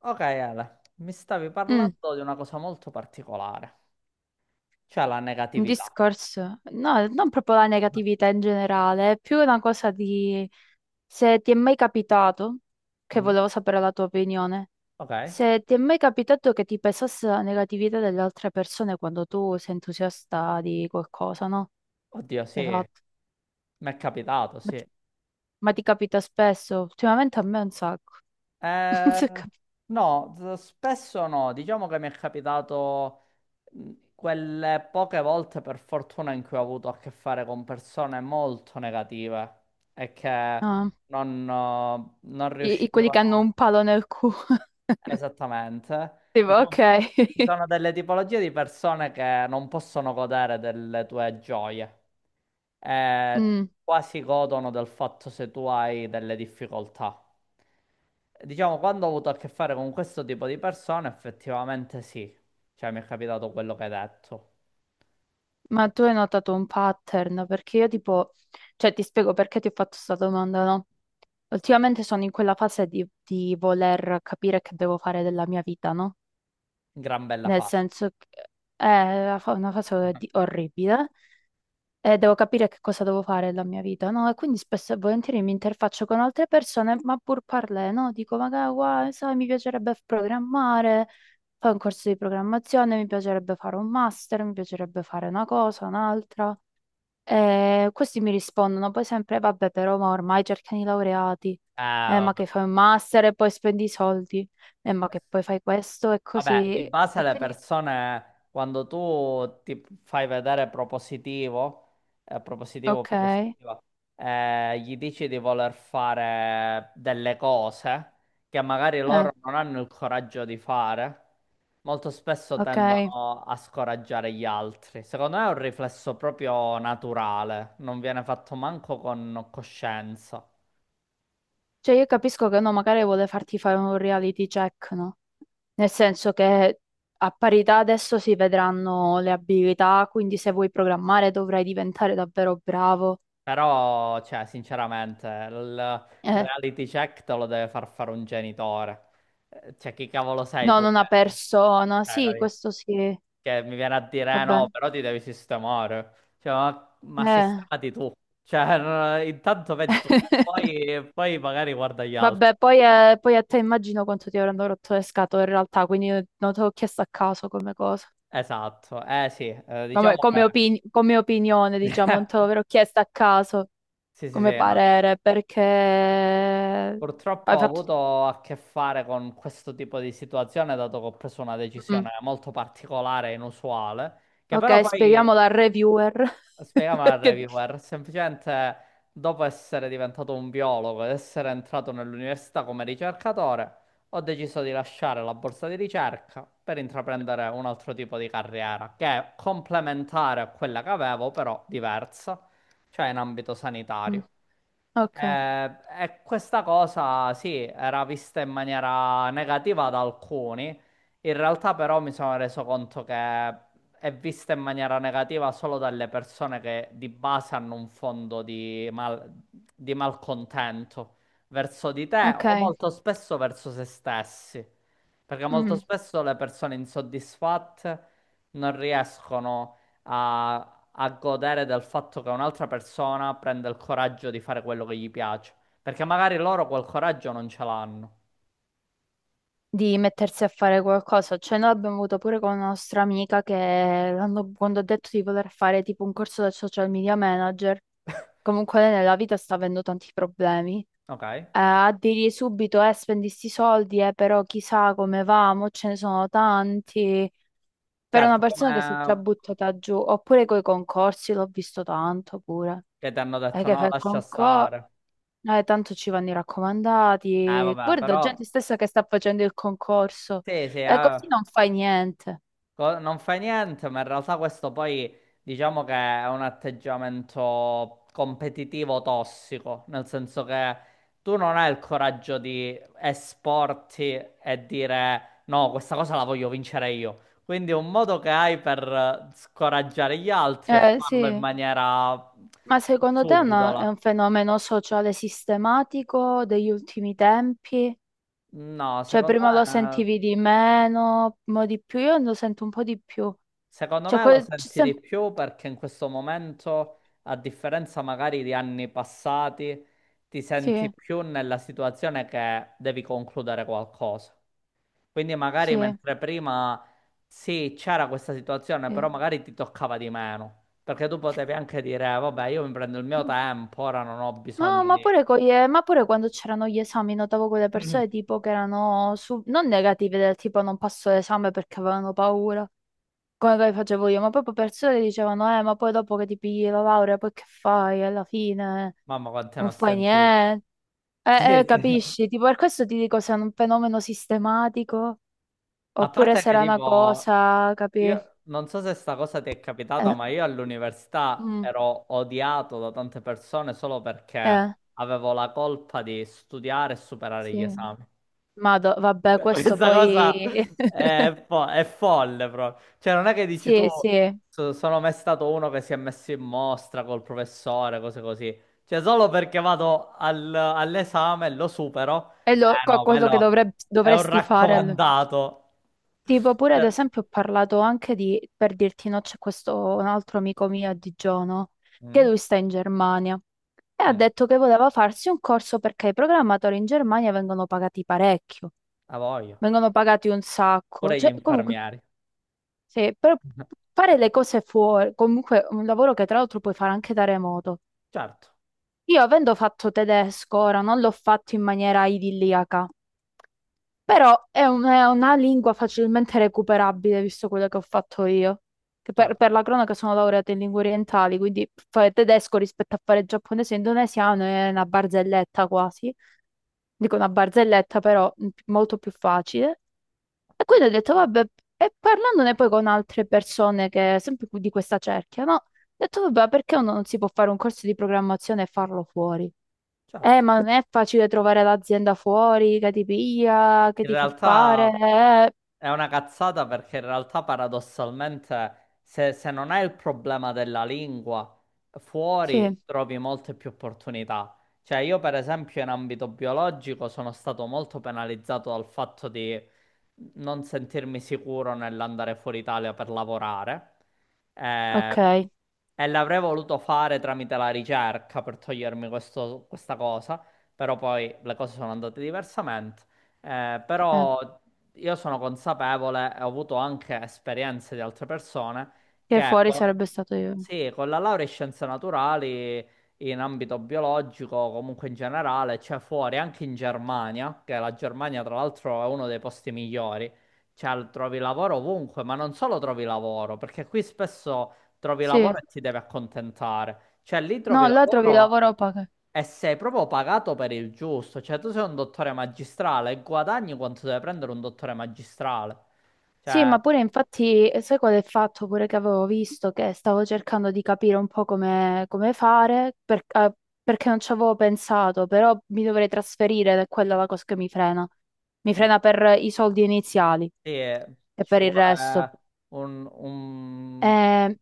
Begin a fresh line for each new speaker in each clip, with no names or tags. Ok, Ale, mi stavi
Mm,
parlando di una cosa molto particolare, cioè la
un
negatività.
discorso, no, non proprio la negatività in generale, è più una cosa di se ti è mai capitato, che
Mm.
volevo sapere la tua opinione,
Ok,
se ti è mai capitato che ti pesasse la negatività delle altre persone quando tu sei entusiasta di qualcosa, no?
oddio,
Che
sì,
hai
mi
fatto.
è capitato,
Ma ti,
sì.
ma ti capita spesso? Ultimamente a me un sacco. Non
Eh,
so cap-
no, spesso no, diciamo che mi è capitato quelle poche volte per fortuna in cui ho avuto a che fare con persone molto negative e che
Ah,
non, non
quelli che hanno
riuscivano.
un palo nel culo.
Esattamente.
Tipo,
Diciamo,
ok.
ci sono delle tipologie di persone che non possono godere delle tue gioie. Eh,
Mm.
quasi godono del fatto se tu hai delle difficoltà. Diciamo, quando ho avuto a che fare con questo tipo di persone, effettivamente sì. Cioè, mi è capitato quello che hai detto.
Ma tu hai notato un pattern? Perché io tipo, cioè ti spiego perché ti ho fatto questa domanda, no? Ultimamente sono in quella fase di voler capire che devo fare della mia vita, no?
Gran bella
Nel
fase.
senso che una fase orribile e devo capire che cosa devo fare della mia vita, no? E quindi spesso e volentieri mi interfaccio con altre persone, ma pur parlè, no? Dico, magari, guai, sai, mi piacerebbe programmare, fare un corso di programmazione, mi piacerebbe fare un master, mi piacerebbe fare una cosa, un'altra. E questi mi rispondono poi sempre, vabbè, però ma ormai cercano i laureati,
Eh,
ma
vabbè.
che fai un master e poi spendi i soldi, ma che poi fai questo e
Vabbè,
così.
di base
E
le
quindi,
persone, quando tu ti fai vedere propositivo, propositivo,
ok,
propositiva, gli dici di voler fare delle cose che magari loro non hanno il coraggio di fare, molto spesso
ok.
tendono a scoraggiare gli altri. Secondo me è un riflesso proprio naturale, non viene fatto manco con coscienza.
Cioè io capisco che uno magari vuole farti fare un reality check, no? Nel senso che a parità adesso si vedranno le abilità, quindi se vuoi programmare dovrai diventare davvero bravo.
Però, cioè, sinceramente, il
Eh,
reality check te lo deve far fare un genitore. Cioè, chi cavolo sei
no,
tu?
non una
Che
persona,
cioè,
sì,
capi?
questo sì,
Che mi viene a dire
vabbè.
no, però ti devi sistemare. Cioè, ma
Eh.
sistemati tu. Cioè, no, intanto vedi tu, poi, poi magari guarda gli altri.
Vabbè, poi a te immagino quanto ti avranno rotto le scatole in realtà, quindi io non te l'ho chiesto a caso come cosa.
Esatto, eh sì,
Come,
diciamo che...
come opin- come opinione, diciamo, non te l'avrò chiesto a caso
Sì, sì,
come
sì, no.
parere, perché
Purtroppo
hai
ho
fatto.
avuto a che fare con questo tipo di situazione, dato che ho preso una decisione
Mm.
molto particolare e inusuale, che
Ok,
però poi
spieghiamo da reviewer.
spiegami a
Che-
reviewer, semplicemente dopo essere diventato un biologo ed essere entrato nell'università come ricercatore, ho deciso di lasciare la borsa di ricerca per intraprendere un altro tipo di carriera, che è complementare a quella che avevo, però diversa, cioè in ambito
Mm.
sanitario.
Ok,
E questa cosa sì, era vista in maniera negativa da alcuni, in realtà però mi sono reso conto che è vista in maniera negativa solo dalle persone che di base hanno un fondo di, di malcontento verso di te o
ok.
molto spesso verso se stessi, perché molto
Mm.
spesso le persone insoddisfatte non riescono a godere del fatto che un'altra persona prende il coraggio di fare quello che gli piace, perché magari loro quel coraggio non ce l'hanno,
Di mettersi a fare qualcosa. Cioè, noi abbiamo avuto pure con una nostra amica quando ha detto di voler fare tipo un corso da social media manager, comunque lei nella vita sta avendo tanti problemi.
ok?
A dirgli subito, spendi sti soldi, però chissà come va, mo ce ne sono tanti. Per una
Certo,
persona che si è già
come
buttata giù, oppure coi concorsi, l'ho visto tanto pure.
cioè, ti hanno
È
detto
che
no,
fai il
lascia
concorso.
stare.
Tanto ci vanno i raccomandati.
Vabbè,
Guarda,
però
gente stessa che sta facendo il concorso.
sì, sì,
Così non fai niente.
non fai niente, ma in realtà questo poi diciamo che è un atteggiamento competitivo tossico, nel senso che tu non hai il coraggio di esporti e dire no, questa cosa la voglio vincere io. Quindi un modo che hai per scoraggiare gli altri è farlo in
Sì.
maniera
Ma secondo te è
subdola.
un fenomeno sociale sistematico degli ultimi tempi?
No,
Cioè, prima lo
me
sentivi di meno, mo di più, io lo sento un po' di più.
secondo
Cioè,
me lo senti di più perché in questo momento, a differenza magari di anni passati, ti senti
sì,
più nella situazione che devi concludere qualcosa. Quindi magari
sì,
mentre prima sì, c'era questa situazione, però magari ti toccava di meno, perché tu potevi anche dire, vabbè, io mi prendo il
sì.
mio tempo, ora non ho
No,
bisogno
ma
di...
pure, co- eh, ma pure quando c'erano gli esami notavo quelle persone tipo che erano non negative del tipo non passo l'esame perché avevano paura, come che facevo io, ma proprio persone che dicevano ma poi dopo che ti pigli la laurea poi che fai? Alla fine
Mamma, quante ne
non
ho
fai
sentito.
niente.
Sì, sì.
Capisci? Tipo per questo ti dico se è un fenomeno sistematico
A
oppure
parte
se
che
era una
tipo,
cosa, capi?
io non so se sta cosa ti è capitata,
Eh,
ma io all'università
mm,
ero odiato da tante persone solo perché
eh,
avevo la colpa di studiare e superare gli
sì.
esami.
Ma vabbè,
Cioè,
questo
questa
poi.
cosa è, è folle proprio. Cioè, non è che dici tu,
Sì, sì.
Sono mai stato uno che si è messo in mostra col professore, cose così. Cioè, solo perché vado all'esame e lo supero,
È
eh no,
quello che
quello è un
dovresti fare.
raccomandato.
Tipo, pure ad
Cioè,
esempio, ho parlato anche di, per dirti, no, c'è questo un altro amico mio a Digiano, che
mm,
lui sta in Germania e ha
mm.
detto che voleva farsi un corso perché i programmatori in Germania vengono pagati parecchio,
A voglio.
vengono pagati un sacco.
Vorrei
Cioè, comunque,
infarmiare.
sì, però fare le cose fuori, comunque un lavoro che tra l'altro puoi fare anche da remoto.
Certo,
Io avendo fatto tedesco, ora non l'ho fatto in maniera idilliaca. Però è una lingua facilmente recuperabile, visto quello che ho fatto io. Che per,
certo,
per la cronaca sono laureata in lingue orientali, quindi fare tedesco rispetto a fare giapponese e indonesiano è una barzelletta quasi. Dico una barzelletta, però molto più facile. E quindi ho detto, vabbè, e parlandone poi con altre persone che, sempre di questa cerchia, no? Ho detto, vabbè, perché uno non si può fare un corso di programmazione e farlo fuori?
certo.
Ma non è facile trovare l'azienda fuori che ti piglia, che
In
ti fa fare.
realtà
Eh,
è una cazzata perché in realtà paradossalmente se, se non hai il problema della lingua, fuori
sì,
trovi molte più opportunità. Cioè io per esempio in ambito biologico sono stato molto penalizzato dal fatto di non sentirmi sicuro nell'andare fuori Italia per lavorare. Eh,
ok.
e l'avrei voluto fare tramite la ricerca per togliermi questa cosa, però poi le cose sono andate diversamente. Però io sono consapevole e ho avuto anche esperienze di altre persone
Che
che
fuori
con,
sarebbe stato io.
sì, con la laurea in scienze naturali in ambito biologico, comunque in generale, c'è fuori anche in Germania, che la Germania tra l'altro è uno dei posti migliori, cioè trovi lavoro ovunque, ma non solo trovi lavoro, perché qui spesso trovi lavoro
Sì.
e ti devi accontentare, cioè lì
No,
trovi
là trovi
lavoro.
lavoro poco.
E sei proprio pagato per il giusto, cioè tu sei un dottore magistrale e guadagni quanto deve prendere un dottore magistrale.
Sì,
Cioè,
ma pure infatti, sai qual è il fatto pure che avevo visto che stavo cercando di capire un po' come fare, perché non ci avevo pensato, però mi dovrei trasferire ed è quella la cosa che mi frena. Mi
mh,
frena per i soldi iniziali
sì,
e
ci
per il resto.
vuole un,
Eh,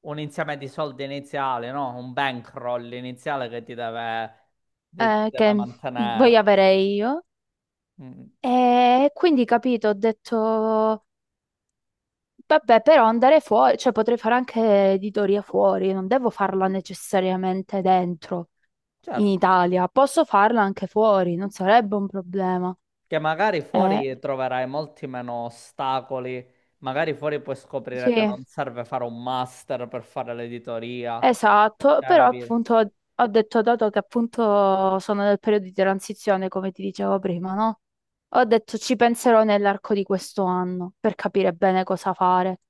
un insieme di soldi iniziali, no? Un bankroll iniziale che ti deve, deve
che voglio
mantenere.
avere io.
Mm,
E quindi, capito, ho detto, vabbè, però andare fuori, cioè potrei fare anche editoria fuori, non devo farla necessariamente dentro, in
certo,
Italia, posso farla anche fuori, non sarebbe un problema.
che magari
Eh,
fuori troverai molti meno ostacoli, magari fuori puoi scoprire
sì.
che non serve fare un master per fare l'editoria.
Esatto,
Cioè,
però
capito?
appunto ho detto, dato che appunto sono nel periodo di transizione, come ti dicevo prima, no? Ho detto ci penserò nell'arco di questo anno per capire bene cosa fare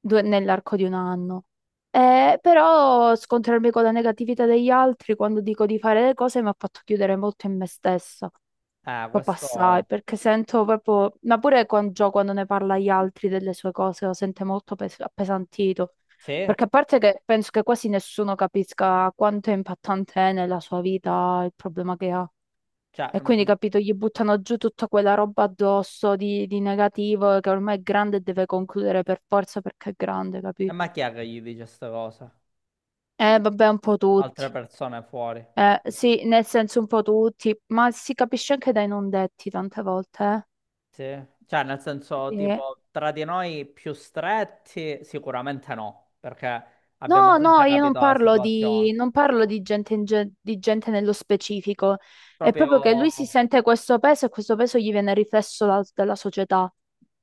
nell'arco di un anno. Però scontrarmi con la negatività degli altri quando dico di fare le cose mi ha fatto chiudere molto in me stessa. Poi passai,
Questo
perché sento proprio, ma pure quando, Gio quando ne parla agli altri delle sue cose, lo sente molto appesantito.
sì,
Perché a parte che penso che quasi nessuno capisca quanto è impattante è nella sua vita il problema che ha.
cioè,
E
mm,
quindi, capito, gli buttano giù tutta quella roba addosso di negativo che ormai è grande e deve concludere per forza perché è grande,
e
capito?
ma chi è che gli dice questa cosa?
Vabbè, un po'
Altre
tutti.
persone fuori.
Sì, nel senso un po' tutti, ma si capisce anche dai non detti tante volte, eh.
Sì. Cioè, nel senso,
Sì.
tipo, tra di noi più stretti, sicuramente no, perché abbiamo
No,
sempre
no, io non
capito la
parlo
situazione.
di, non parlo di gente, di gente nello specifico. È
Proprio,
proprio che lui si sente questo peso e questo peso gli viene riflesso dalla società.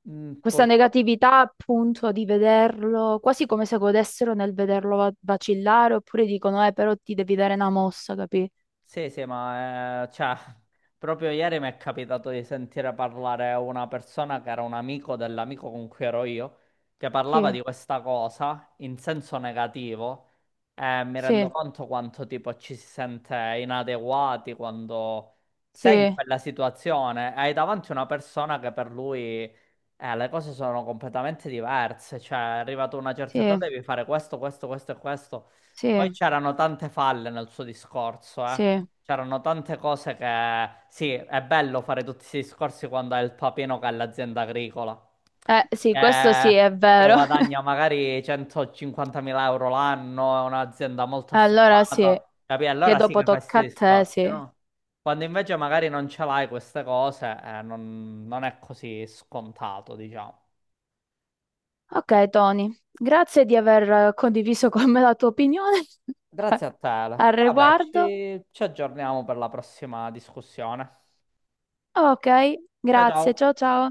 mm,
Questa
purtroppo
negatività, appunto, di vederlo, quasi come se godessero nel vederlo vacillare, oppure dicono, però ti devi dare una mossa, capì?
sì, sì, ma cioè, proprio ieri mi è capitato di sentire parlare una persona che era un amico dell'amico con cui ero io, che parlava
Sì,
di questa cosa in senso negativo e mi rendo
sì,
conto quanto tipo ci si sente inadeguati quando sei in
sì,
quella situazione e hai davanti una persona che per lui le cose sono completamente diverse, cioè è arrivato a una certa età
sì,
devi fare questo, questo, questo e questo. Poi
sì,
c'erano tante falle nel suo discorso, eh.
sì.
C'erano tante cose che... Sì, è bello fare tutti questi discorsi quando hai il papino che è l'azienda agricola.
Sì,
che,
questo sì, è
che
vero.
guadagna magari 150.000 € l'anno, è un'azienda molto
Allora sì,
affermata, capì?
che
Allora sì che
dopo
fai questi
tocca a te,
discorsi,
sì.
no? Quando invece magari non ce l'hai queste cose, non, non è così scontato, diciamo.
Ok, Tony, grazie di aver condiviso con me la tua opinione
Grazie a te. Ale.
al
E vabbè,
riguardo.
ci aggiorniamo per la prossima discussione.
Ok,
Ciao ciao.
grazie, ciao ciao.